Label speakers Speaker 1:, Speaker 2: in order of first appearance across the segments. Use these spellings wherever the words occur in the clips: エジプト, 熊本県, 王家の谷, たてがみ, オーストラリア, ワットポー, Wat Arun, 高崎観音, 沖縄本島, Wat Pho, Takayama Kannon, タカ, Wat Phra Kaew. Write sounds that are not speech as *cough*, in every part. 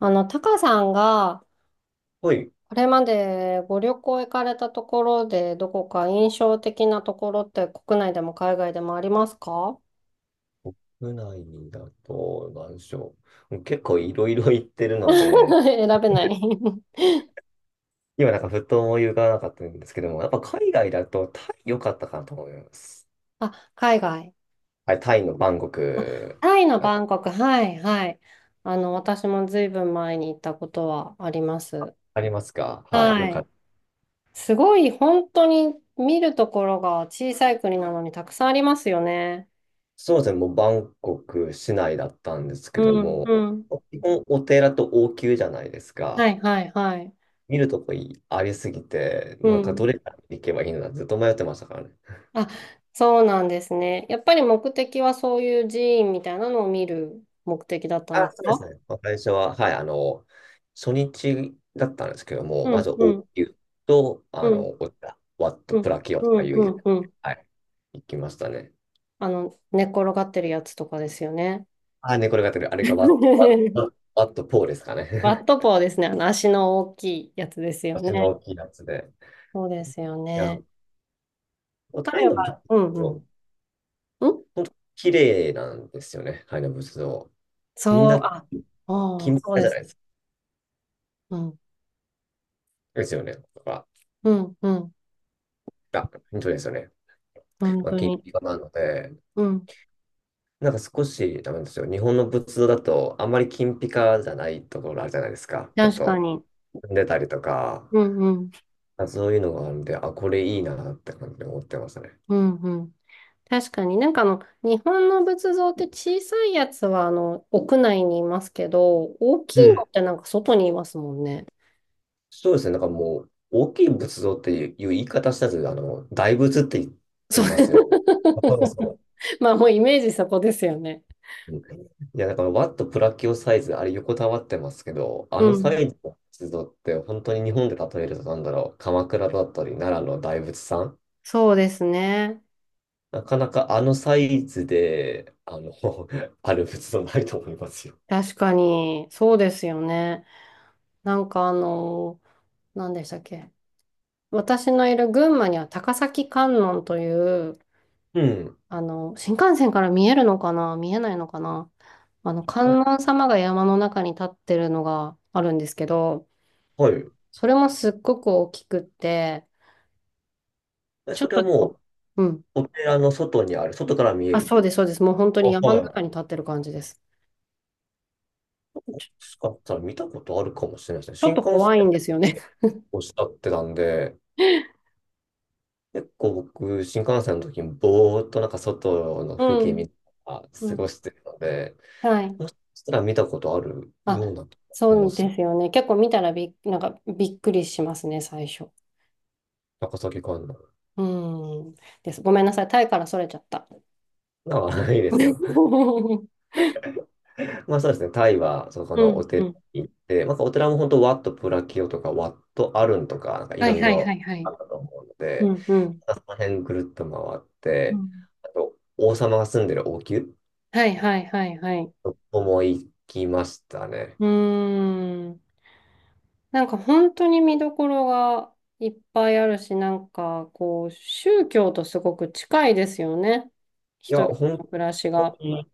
Speaker 1: タカさんが、
Speaker 2: はい。
Speaker 1: これまでご旅行行かれたところで、どこか印象的なところって国内でも海外でもありますか？
Speaker 2: 国内だと、なんでしょう。もう結構いろいろ行ってるので、
Speaker 1: *laughs* 選べない。
Speaker 2: 今なんかふと思い浮かばなかったんですけども、やっぱ海外だとタイ良かったかなと思います。
Speaker 1: *laughs* あ、海外。
Speaker 2: はい、タイのバンコク、
Speaker 1: タイの
Speaker 2: あ、
Speaker 1: バンコク。はい、はい。私もずいぶん前に行ったことはあります。
Speaker 2: ありますか、はい、
Speaker 1: は
Speaker 2: よかっ
Speaker 1: い。
Speaker 2: た。
Speaker 1: すごい、本当に見るところが小さい国なのにたくさんありますよね。
Speaker 2: そうですね、もうバンコク市内だったんですけ
Speaker 1: う
Speaker 2: ど
Speaker 1: ん、
Speaker 2: も、
Speaker 1: うん。
Speaker 2: 基本お寺と王宮じゃないです
Speaker 1: は
Speaker 2: か。
Speaker 1: い、はい、はい。
Speaker 2: 見るとこいありすぎて、
Speaker 1: う
Speaker 2: もうなんかど
Speaker 1: ん。
Speaker 2: れから行けばいいのかずっと迷ってましたからね。
Speaker 1: あ、そうなんですね。やっぱり目的はそういう寺院みたいなのを見る目的だったんです
Speaker 2: そうです
Speaker 1: か？
Speaker 2: ね。最初は、はい、初日だったんですけども、
Speaker 1: う
Speaker 2: まず、
Speaker 1: ん、う
Speaker 2: 応
Speaker 1: ん、
Speaker 2: 急と、
Speaker 1: うん、
Speaker 2: こういったワット、
Speaker 1: う
Speaker 2: プ
Speaker 1: ん、
Speaker 2: ラキオと
Speaker 1: う
Speaker 2: か
Speaker 1: ん、
Speaker 2: い
Speaker 1: う
Speaker 2: う、
Speaker 1: ん、うん。
Speaker 2: はい、行きましたね。
Speaker 1: 寝っ転がってるやつとかですよね。
Speaker 2: ああ、猫が出てる。あれがワット、
Speaker 1: *laughs*
Speaker 2: ワットポーですかね。
Speaker 1: ワット
Speaker 2: *laughs*
Speaker 1: ポーですね。足の大きいやつですよ
Speaker 2: 足
Speaker 1: ね。
Speaker 2: の大きいやつで。
Speaker 1: そうですよ
Speaker 2: いや、
Speaker 1: ね。
Speaker 2: もうタイ
Speaker 1: 彼
Speaker 2: の仏
Speaker 1: は、うん、う
Speaker 2: 像、
Speaker 1: ん。ん
Speaker 2: 綺麗なんですよね。タイの仏像。みん
Speaker 1: そう、
Speaker 2: な、
Speaker 1: あ、ああ、
Speaker 2: 金ピ
Speaker 1: そう
Speaker 2: カじ
Speaker 1: で
Speaker 2: ゃな
Speaker 1: す。
Speaker 2: いですか。
Speaker 1: うん、
Speaker 2: ですよね。とか、
Speaker 1: うん、うん。
Speaker 2: あ、本当ですよね。
Speaker 1: 本
Speaker 2: まあ、
Speaker 1: 当
Speaker 2: 金
Speaker 1: に。
Speaker 2: ピカなので、
Speaker 1: うん。
Speaker 2: なんか少しダメなんですよ。日本の仏像だと、あんまり金ピカじゃないところあるじゃないですか。ちょっ
Speaker 1: 確か
Speaker 2: と、
Speaker 1: に。
Speaker 2: 踏んでたりとか、
Speaker 1: うん、うん、
Speaker 2: まあそういうのがあるんで、あ、これいいなって感じで思ってますね。
Speaker 1: うん、うん。確かになんか日本の仏像って小さいやつは屋内にいますけど、大き
Speaker 2: う
Speaker 1: いの
Speaker 2: ん。
Speaker 1: ってなんか外にいますもんね。
Speaker 2: そうですね。なんかもう、大きい仏像っていう言い方したず、大仏って言
Speaker 1: そ
Speaker 2: いますよ。
Speaker 1: う。
Speaker 2: あ、そう
Speaker 1: *laughs*
Speaker 2: そ
Speaker 1: まあもうイメージそこですよね。
Speaker 2: う。うん、いや、だから、ワットプラキオサイズ、あれ横たわってますけど、あ
Speaker 1: う
Speaker 2: のサ
Speaker 1: ん。
Speaker 2: イズの仏像って、本当に日本で例えると、なんだろう、鎌倉だったり、奈良の大仏さん、
Speaker 1: そうですね。
Speaker 2: なかなかあのサイズで、あの、*laughs* ある仏像ないと思いますよ。
Speaker 1: 確かに、そうですよね。なんか何でしたっけ。私のいる群馬には高崎観音という、
Speaker 2: うん。
Speaker 1: 新幹線から見えるのかな、見えないのかな、
Speaker 2: か、
Speaker 1: 観音様が山の中に立ってるのがあるんですけど、
Speaker 2: はい。
Speaker 1: それもすっごく大きくって、
Speaker 2: え、
Speaker 1: ちょっ
Speaker 2: それ
Speaker 1: と
Speaker 2: は
Speaker 1: で
Speaker 2: も
Speaker 1: も、
Speaker 2: う、
Speaker 1: うん。
Speaker 2: お寺の外にある、外から見え
Speaker 1: あ、
Speaker 2: る。
Speaker 1: そうです、そうです。もう本当
Speaker 2: あ、
Speaker 1: に山の
Speaker 2: はい。も
Speaker 1: 中に立ってる感じです。
Speaker 2: しかしたら見たことあるかもしれないで
Speaker 1: ちょ
Speaker 2: す
Speaker 1: っ
Speaker 2: ね。新
Speaker 1: と
Speaker 2: 幹
Speaker 1: 怖
Speaker 2: 線
Speaker 1: いんですよね。*laughs*
Speaker 2: をしたってたんで、結構僕、新幹線の時にぼーっとなんか外の風
Speaker 1: う
Speaker 2: 景見
Speaker 1: ん。
Speaker 2: ながら
Speaker 1: う
Speaker 2: 過ご
Speaker 1: ん。
Speaker 2: してるので、
Speaker 1: はい。
Speaker 2: もしかしたら見たことあるよう
Speaker 1: あ、
Speaker 2: なと思い
Speaker 1: そ
Speaker 2: ま
Speaker 1: う
Speaker 2: す。
Speaker 1: ですよね。結構見たらなんかびっくりしますね、最初。
Speaker 2: 高崎観音。
Speaker 1: うん。です。ごめんなさい。タイからそれちゃった。
Speaker 2: なんか、いいですよ。
Speaker 1: *laughs* うん。
Speaker 2: *laughs* まあそうですね、タイはそこ
Speaker 1: う
Speaker 2: のお
Speaker 1: ん。
Speaker 2: 寺
Speaker 1: *laughs*
Speaker 2: に行って、まあ、お寺も本当、ワット・プラキオとか、ワット・アルンとか、なんかい
Speaker 1: はい
Speaker 2: ろい
Speaker 1: はいは
Speaker 2: ろ
Speaker 1: いは
Speaker 2: あ
Speaker 1: い。
Speaker 2: ったと思うの
Speaker 1: う
Speaker 2: で、
Speaker 1: んうん。
Speaker 2: まあその辺ぐるっと回っ
Speaker 1: う
Speaker 2: て、
Speaker 1: ん。
Speaker 2: あと、王様が住んでる王宮、
Speaker 1: はいはいはいはい。
Speaker 2: そこも行きましたね。
Speaker 1: うーん。なんか本当に見どころがいっぱいあるし、なんかこう、宗教とすごく近いですよね。
Speaker 2: い
Speaker 1: 人
Speaker 2: や、
Speaker 1: 々の
Speaker 2: 本
Speaker 1: 暮らし
Speaker 2: 当
Speaker 1: が。
Speaker 2: に、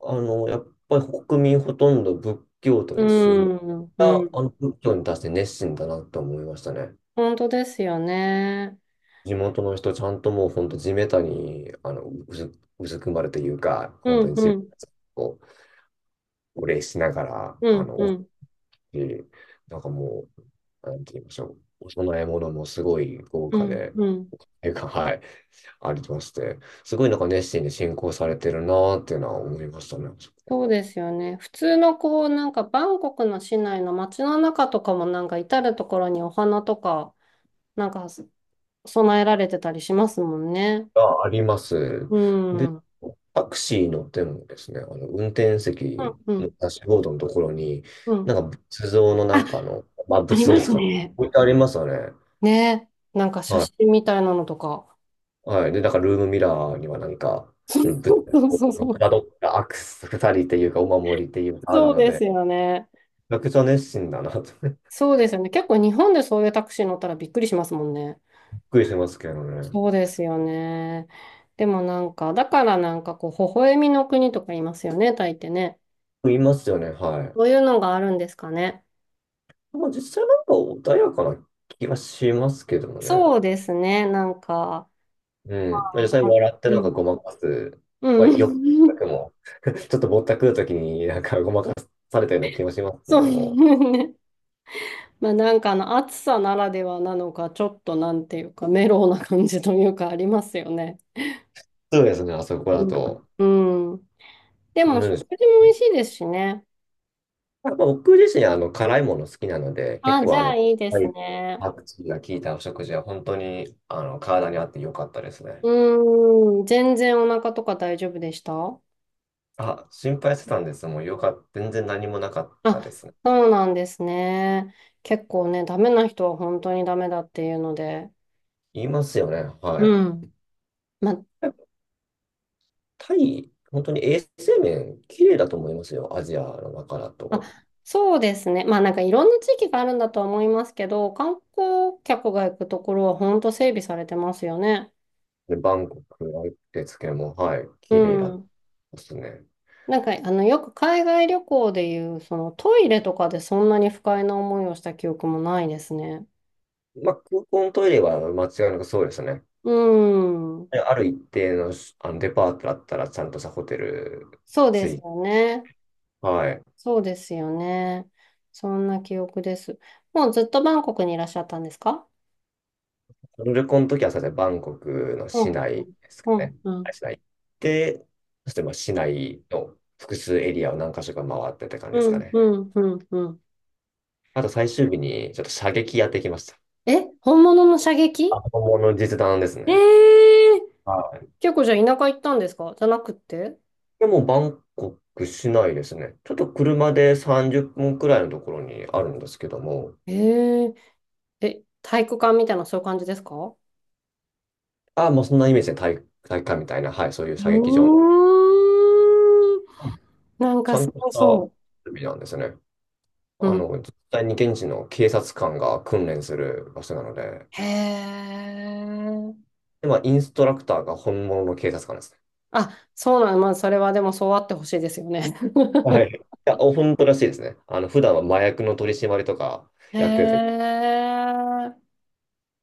Speaker 2: やっぱり国民ほとんど仏教徒
Speaker 1: うー
Speaker 2: ですし、みん
Speaker 1: ん、
Speaker 2: な
Speaker 1: うん。
Speaker 2: あの仏教に対して熱心だなと思いましたね。
Speaker 1: 本当ですよね。
Speaker 2: 地元の人、ちゃんともう本当地べたに、あの、うずくまるというか、
Speaker 1: う
Speaker 2: 本当
Speaker 1: ん、
Speaker 2: に地べ
Speaker 1: うん、
Speaker 2: たにこう、お礼しながら、
Speaker 1: う
Speaker 2: あ
Speaker 1: ん、
Speaker 2: の、
Speaker 1: う
Speaker 2: 大
Speaker 1: ん、
Speaker 2: きい、なんかもう、なんて言いましょう、お供え物もすごい豪
Speaker 1: う
Speaker 2: 華
Speaker 1: ん、
Speaker 2: で、
Speaker 1: うん。
Speaker 2: ていうか、はい、ありまして、すごいなんか熱心に進行されてるなーっていうのは思いましたね。
Speaker 1: そうですよね。普通のこう、なんかバンコクの市内の街の中とかもなんか至るところにお花とか、なんか供えられてたりしますもんね。
Speaker 2: があります。
Speaker 1: う
Speaker 2: で、
Speaker 1: ん。うん、
Speaker 2: タクシー乗ってもですね、あの運転席
Speaker 1: う
Speaker 2: の
Speaker 1: ん、
Speaker 2: ダッシュボードのところに、
Speaker 1: うん。
Speaker 2: なんか仏像のな
Speaker 1: あ、
Speaker 2: んかあの、まあ
Speaker 1: あ
Speaker 2: 仏
Speaker 1: り
Speaker 2: 像
Speaker 1: ま
Speaker 2: で
Speaker 1: す
Speaker 2: すかね。
Speaker 1: ね。
Speaker 2: 置いてありますよね。
Speaker 1: ね。なんか写
Speaker 2: はい。
Speaker 1: 真みたいなのとか。
Speaker 2: はい。で、なんからルームミラーにはなんか、うん、
Speaker 1: そ
Speaker 2: 仏
Speaker 1: う
Speaker 2: 像
Speaker 1: そう
Speaker 2: の
Speaker 1: そ
Speaker 2: か
Speaker 1: う。
Speaker 2: たどったアクセサリーっていうかお守りっていうかある
Speaker 1: そう
Speaker 2: の
Speaker 1: です
Speaker 2: で、
Speaker 1: よね。
Speaker 2: めちゃくちゃ熱心だなと *laughs* びっ
Speaker 1: そうですよね。結構日本でそういうタクシー乗ったらびっくりしますもんね。
Speaker 2: くりしますけどね。
Speaker 1: そうですよね。でもなんか、だからなんかこう、微笑みの国とか言いますよね、タイってね。
Speaker 2: いますよね、はい。
Speaker 1: そういうのがあるんですかね。
Speaker 2: まあ実際なんか穏やかな気がしますけどもね。
Speaker 1: そうですね。なんか、
Speaker 2: う
Speaker 1: あ、
Speaker 2: ん。まあ、実際笑ってな
Speaker 1: う
Speaker 2: んか
Speaker 1: ん。
Speaker 2: ごまかす。
Speaker 1: う
Speaker 2: まあ、よ
Speaker 1: ん。
Speaker 2: くも、*laughs* ちょっとぼったくるときになんかごまかされたような気もしま
Speaker 1: *laughs*
Speaker 2: すけ
Speaker 1: そう
Speaker 2: ども。
Speaker 1: ね。まあなんかあの暑さならではなのか、ちょっとなんていうか、メロウな感じというかありますよね。
Speaker 2: そうですね、あそこ
Speaker 1: う
Speaker 2: だ
Speaker 1: ん。
Speaker 2: と。
Speaker 1: うん。で
Speaker 2: う
Speaker 1: も食事
Speaker 2: ん。
Speaker 1: も美味しいですしね。
Speaker 2: まあ、僕自身、辛いもの好きなので、結
Speaker 1: あ、じ
Speaker 2: 構あ
Speaker 1: ゃあ
Speaker 2: の、
Speaker 1: いいで
Speaker 2: は
Speaker 1: す
Speaker 2: い、
Speaker 1: ね。
Speaker 2: パクチーが効いたお食事は本当に、体に合って良かったですね。
Speaker 1: うーん。全然お腹とか大丈夫でした？
Speaker 2: あ、心配してたんです。もうよかった。全然何もなかったで
Speaker 1: あ、
Speaker 2: すね。
Speaker 1: そうなんですね。結構ね、ダメな人は本当にダメだっていうので。
Speaker 2: 言いますよね。はい。
Speaker 1: うん。ま
Speaker 2: タイ、本当に衛生面、綺麗だと思いますよ。アジアの中だ
Speaker 1: あ、
Speaker 2: と。
Speaker 1: そうですね。まあなんかいろんな地域があるんだとは思いますけど、観光客が行くところは本当整備されてますよね。
Speaker 2: で、バンコクのんですけども、はい、
Speaker 1: う
Speaker 2: 綺麗だっ
Speaker 1: ん。
Speaker 2: たですね。
Speaker 1: なんか、よく海外旅行でいう、そのトイレとかでそんなに不快な思いをした記憶もないですね。
Speaker 2: まあ、空港のトイレは間違いなくそうですね。
Speaker 1: うん。
Speaker 2: である一定の、あのデパートだったら、ちゃんとしたホテル
Speaker 1: そうで
Speaker 2: つ
Speaker 1: す
Speaker 2: い、
Speaker 1: よね。
Speaker 2: はい。
Speaker 1: そうですよね。そんな記憶です。もうずっとバンコクにいらっしゃったんですか？
Speaker 2: その旅行の時は、そうですね、バンコクの
Speaker 1: う
Speaker 2: 市
Speaker 1: ん。
Speaker 2: 内ですか
Speaker 1: う
Speaker 2: ね。
Speaker 1: ん。う
Speaker 2: は
Speaker 1: ん。
Speaker 2: い、市内行って、そしてまあ市内の複数エリアを何箇所か回ってって感じです
Speaker 1: う
Speaker 2: か
Speaker 1: ん。う
Speaker 2: ね。
Speaker 1: ん。うん。うん。
Speaker 2: あと最終日に、ちょっと射撃やってきました。
Speaker 1: え、本物の射撃？
Speaker 2: あ、本物の実弾です
Speaker 1: え
Speaker 2: ね。
Speaker 1: えー。
Speaker 2: は、い
Speaker 1: 結構じゃあ田舎行ったんですか？じゃなくって？
Speaker 2: や、もうバンコク市内ですね。ちょっと車で30分くらいのところにあるんですけども、
Speaker 1: ええー。え、体育館みたいなそういう感じですか？
Speaker 2: あまあ、もうそんなイメージで体、体育館みたいな、はい、そういう
Speaker 1: う
Speaker 2: 射撃場の、
Speaker 1: ーん。
Speaker 2: うん、
Speaker 1: なん
Speaker 2: ち
Speaker 1: か
Speaker 2: ゃ
Speaker 1: す
Speaker 2: んとし
Speaker 1: ご
Speaker 2: た
Speaker 1: そ
Speaker 2: 設備なんですね。
Speaker 1: う。
Speaker 2: あ
Speaker 1: うん。
Speaker 2: の、実際に現地の警察官が訓練する場所なので、
Speaker 1: へえ。
Speaker 2: で、まあ、インストラクターが本物の警察官ですね。
Speaker 1: あ、そうなん、まあ、それはでもそうあってほしいですよね。
Speaker 2: は
Speaker 1: *laughs*
Speaker 2: い。いや、本当らしいですね。あの、普段は麻薬の取り締まりとか
Speaker 1: へ
Speaker 2: やってて、
Speaker 1: え。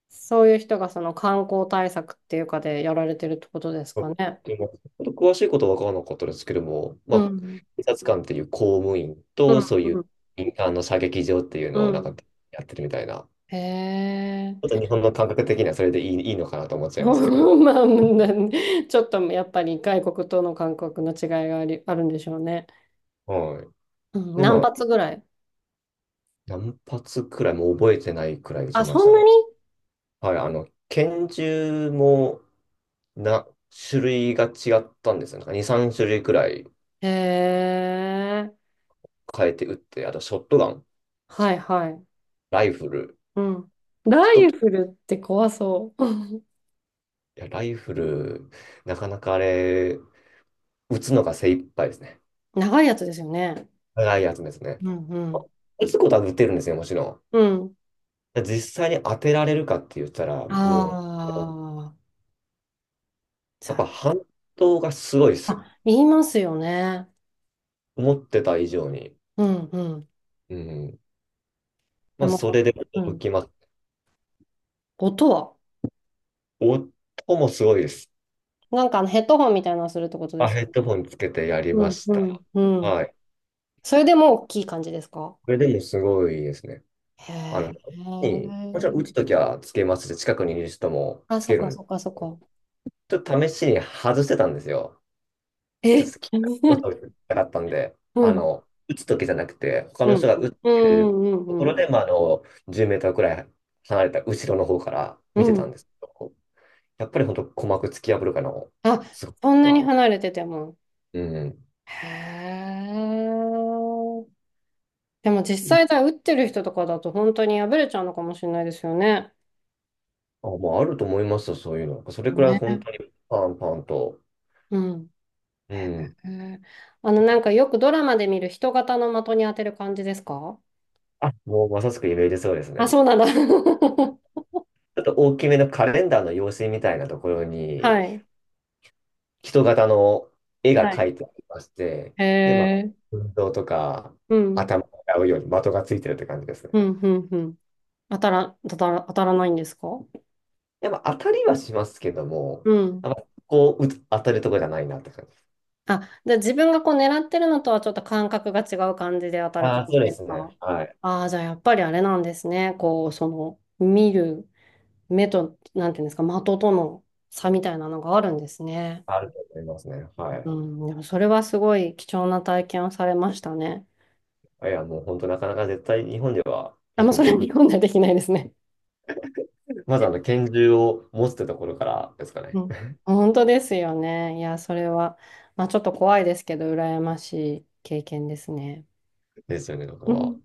Speaker 1: そういう人がその観光対策っていうかでやられてるってことですかね。
Speaker 2: でも、ちょっと詳しいことは分からなかったですけども、ま
Speaker 1: う
Speaker 2: あ、
Speaker 1: ん。
Speaker 2: 警察官っていう公務員
Speaker 1: う
Speaker 2: と、
Speaker 1: ん。
Speaker 2: そうい
Speaker 1: う
Speaker 2: う
Speaker 1: ん。
Speaker 2: 民間の射撃場っていう
Speaker 1: う
Speaker 2: のをなんか
Speaker 1: ん。
Speaker 2: やってるみたいな、
Speaker 1: へえ。
Speaker 2: ちょっと日本の感覚的にはそれでいいのかなと思っ
Speaker 1: *laughs*
Speaker 2: ちゃいますけど、
Speaker 1: まあ、ちょっとやっぱり外国との感覚の違いがあり、あるんでしょうね。
Speaker 2: はい。
Speaker 1: うん、
Speaker 2: で、ま
Speaker 1: 何
Speaker 2: あ、
Speaker 1: 発ぐらい？
Speaker 2: 何発くらい、もう覚えてないくらい撃ち
Speaker 1: あ、
Speaker 2: ま
Speaker 1: そ
Speaker 2: し
Speaker 1: ん
Speaker 2: た
Speaker 1: な
Speaker 2: ね。
Speaker 1: に？
Speaker 2: はい、拳銃もな、種類が違ったんですよ。なんか2、3種類くらい
Speaker 1: へえ。
Speaker 2: 変えて撃って、あとショットガン、
Speaker 1: はいはい。
Speaker 2: ライフル、
Speaker 1: うん。ラ
Speaker 2: 一
Speaker 1: イ
Speaker 2: つ、い
Speaker 1: フルって怖そう。
Speaker 2: や、ライフル、なかなかあれ、打つのが精一杯ですね。
Speaker 1: *laughs* 長いやつですよね。
Speaker 2: 長いやつですね。
Speaker 1: うんうん。
Speaker 2: 打つことは打てるんですよ、もちろ
Speaker 1: うん。
Speaker 2: ん。実際に当てられるかって言ったら、もう、
Speaker 1: ああ。じ
Speaker 2: やっぱ
Speaker 1: ゃ
Speaker 2: 反動がすごいで
Speaker 1: あ。
Speaker 2: すよ。
Speaker 1: あ、言いますよね。
Speaker 2: 思ってた以上に。
Speaker 1: うんうん。
Speaker 2: うん。
Speaker 1: で
Speaker 2: まあ、そ
Speaker 1: も、
Speaker 2: れで
Speaker 1: う
Speaker 2: 驚
Speaker 1: ん。
Speaker 2: きます。
Speaker 1: 音は。
Speaker 2: 音もすごいです。
Speaker 1: なんかあのヘッドホンみたいなのするってことで
Speaker 2: あ、
Speaker 1: す
Speaker 2: ヘッドホンつけてやり
Speaker 1: よ
Speaker 2: ま
Speaker 1: ね。
Speaker 2: し
Speaker 1: うんう
Speaker 2: た。
Speaker 1: んうん。
Speaker 2: はい。
Speaker 1: それでもう大きい感じですか？
Speaker 2: これでもすごいですね。
Speaker 1: へ
Speaker 2: あの、に、もちろん打つ
Speaker 1: え。
Speaker 2: ときはつけますし、近くにいる人も
Speaker 1: あ、
Speaker 2: つ
Speaker 1: そっ
Speaker 2: ける
Speaker 1: かそ
Speaker 2: ん、
Speaker 1: っかそっか。
Speaker 2: ちょっと試しに外してたんですよ。ちっ
Speaker 1: え。 *laughs* う
Speaker 2: と食べ
Speaker 1: ん。
Speaker 2: てみたかったんで、
Speaker 1: うん。
Speaker 2: 打つときじゃなくて、他
Speaker 1: う
Speaker 2: の人
Speaker 1: ん
Speaker 2: が打っ
Speaker 1: う
Speaker 2: てる
Speaker 1: んう
Speaker 2: とこ
Speaker 1: んう
Speaker 2: ろ
Speaker 1: ん
Speaker 2: で、まあ、あの、10メートルくらい離れた後ろの方から
Speaker 1: う
Speaker 2: 見てたん
Speaker 1: ん。
Speaker 2: ですけど、やっぱり本当鼓膜突き破るかな、
Speaker 1: あ、
Speaker 2: す
Speaker 1: そんな
Speaker 2: ごい
Speaker 1: に
Speaker 2: は。
Speaker 1: 離れてても。
Speaker 2: うん。
Speaker 1: へえ。でも実際だ、打ってる人とかだと本当に破れちゃうのかもしれないですよね。
Speaker 2: あ、もうあると思いますよ、そういうの。それくらい本
Speaker 1: ね。
Speaker 2: 当にパンパンと。
Speaker 1: うん。
Speaker 2: う
Speaker 1: へ
Speaker 2: ん。
Speaker 1: え。なんかよくドラマで見る人型の的に当てる感じですか？
Speaker 2: あ、もうまさしくイメージそうです
Speaker 1: あ、
Speaker 2: ね。
Speaker 1: そうなんだ。*laughs*
Speaker 2: ちょっと大きめのカレンダーの用紙みたいなところに、
Speaker 1: はい。
Speaker 2: 人型の絵が
Speaker 1: はい。
Speaker 2: 描いてありまして、
Speaker 1: へ
Speaker 2: で、まあ、
Speaker 1: え。
Speaker 2: 運動とか、
Speaker 1: うん。
Speaker 2: 頭を洗うように的がついてるって感じですね。
Speaker 1: うん、うん、うん。当たらないんですか？
Speaker 2: やっぱ当たりはしますけども、
Speaker 1: うん。
Speaker 2: あんまこう、うつ当たるとこじゃないなって感じ。
Speaker 1: あ、じゃあ自分がこう狙ってるのとはちょっと感覚が違う感じで当たる
Speaker 2: あ
Speaker 1: 感
Speaker 2: あ、そ
Speaker 1: じ
Speaker 2: うで
Speaker 1: です
Speaker 2: すね。
Speaker 1: か？
Speaker 2: はい。
Speaker 1: ああー、じゃあやっぱりあれなんですね。こう、その、見る目と、なんていうんですか、的との差みたいなのがあるんですね。
Speaker 2: あると思いますね。
Speaker 1: う
Speaker 2: は
Speaker 1: ん、
Speaker 2: い。
Speaker 1: でもそれはすごい貴重な体験をされましたね。
Speaker 2: いや、もう本当なかなか絶対日本では
Speaker 1: あ、
Speaker 2: 経
Speaker 1: もう
Speaker 2: 験
Speaker 1: それ
Speaker 2: で
Speaker 1: は
Speaker 2: きな
Speaker 1: 日
Speaker 2: い。
Speaker 1: 本ではできないですね。
Speaker 2: まずあの、拳銃を持つってところからですか
Speaker 1: う
Speaker 2: ね。
Speaker 1: ん。本当ですよね。いや、それは、まあちょっと怖いですけど、羨ましい経験ですね。
Speaker 2: ですよね、こ
Speaker 1: う
Speaker 2: こは。
Speaker 1: ん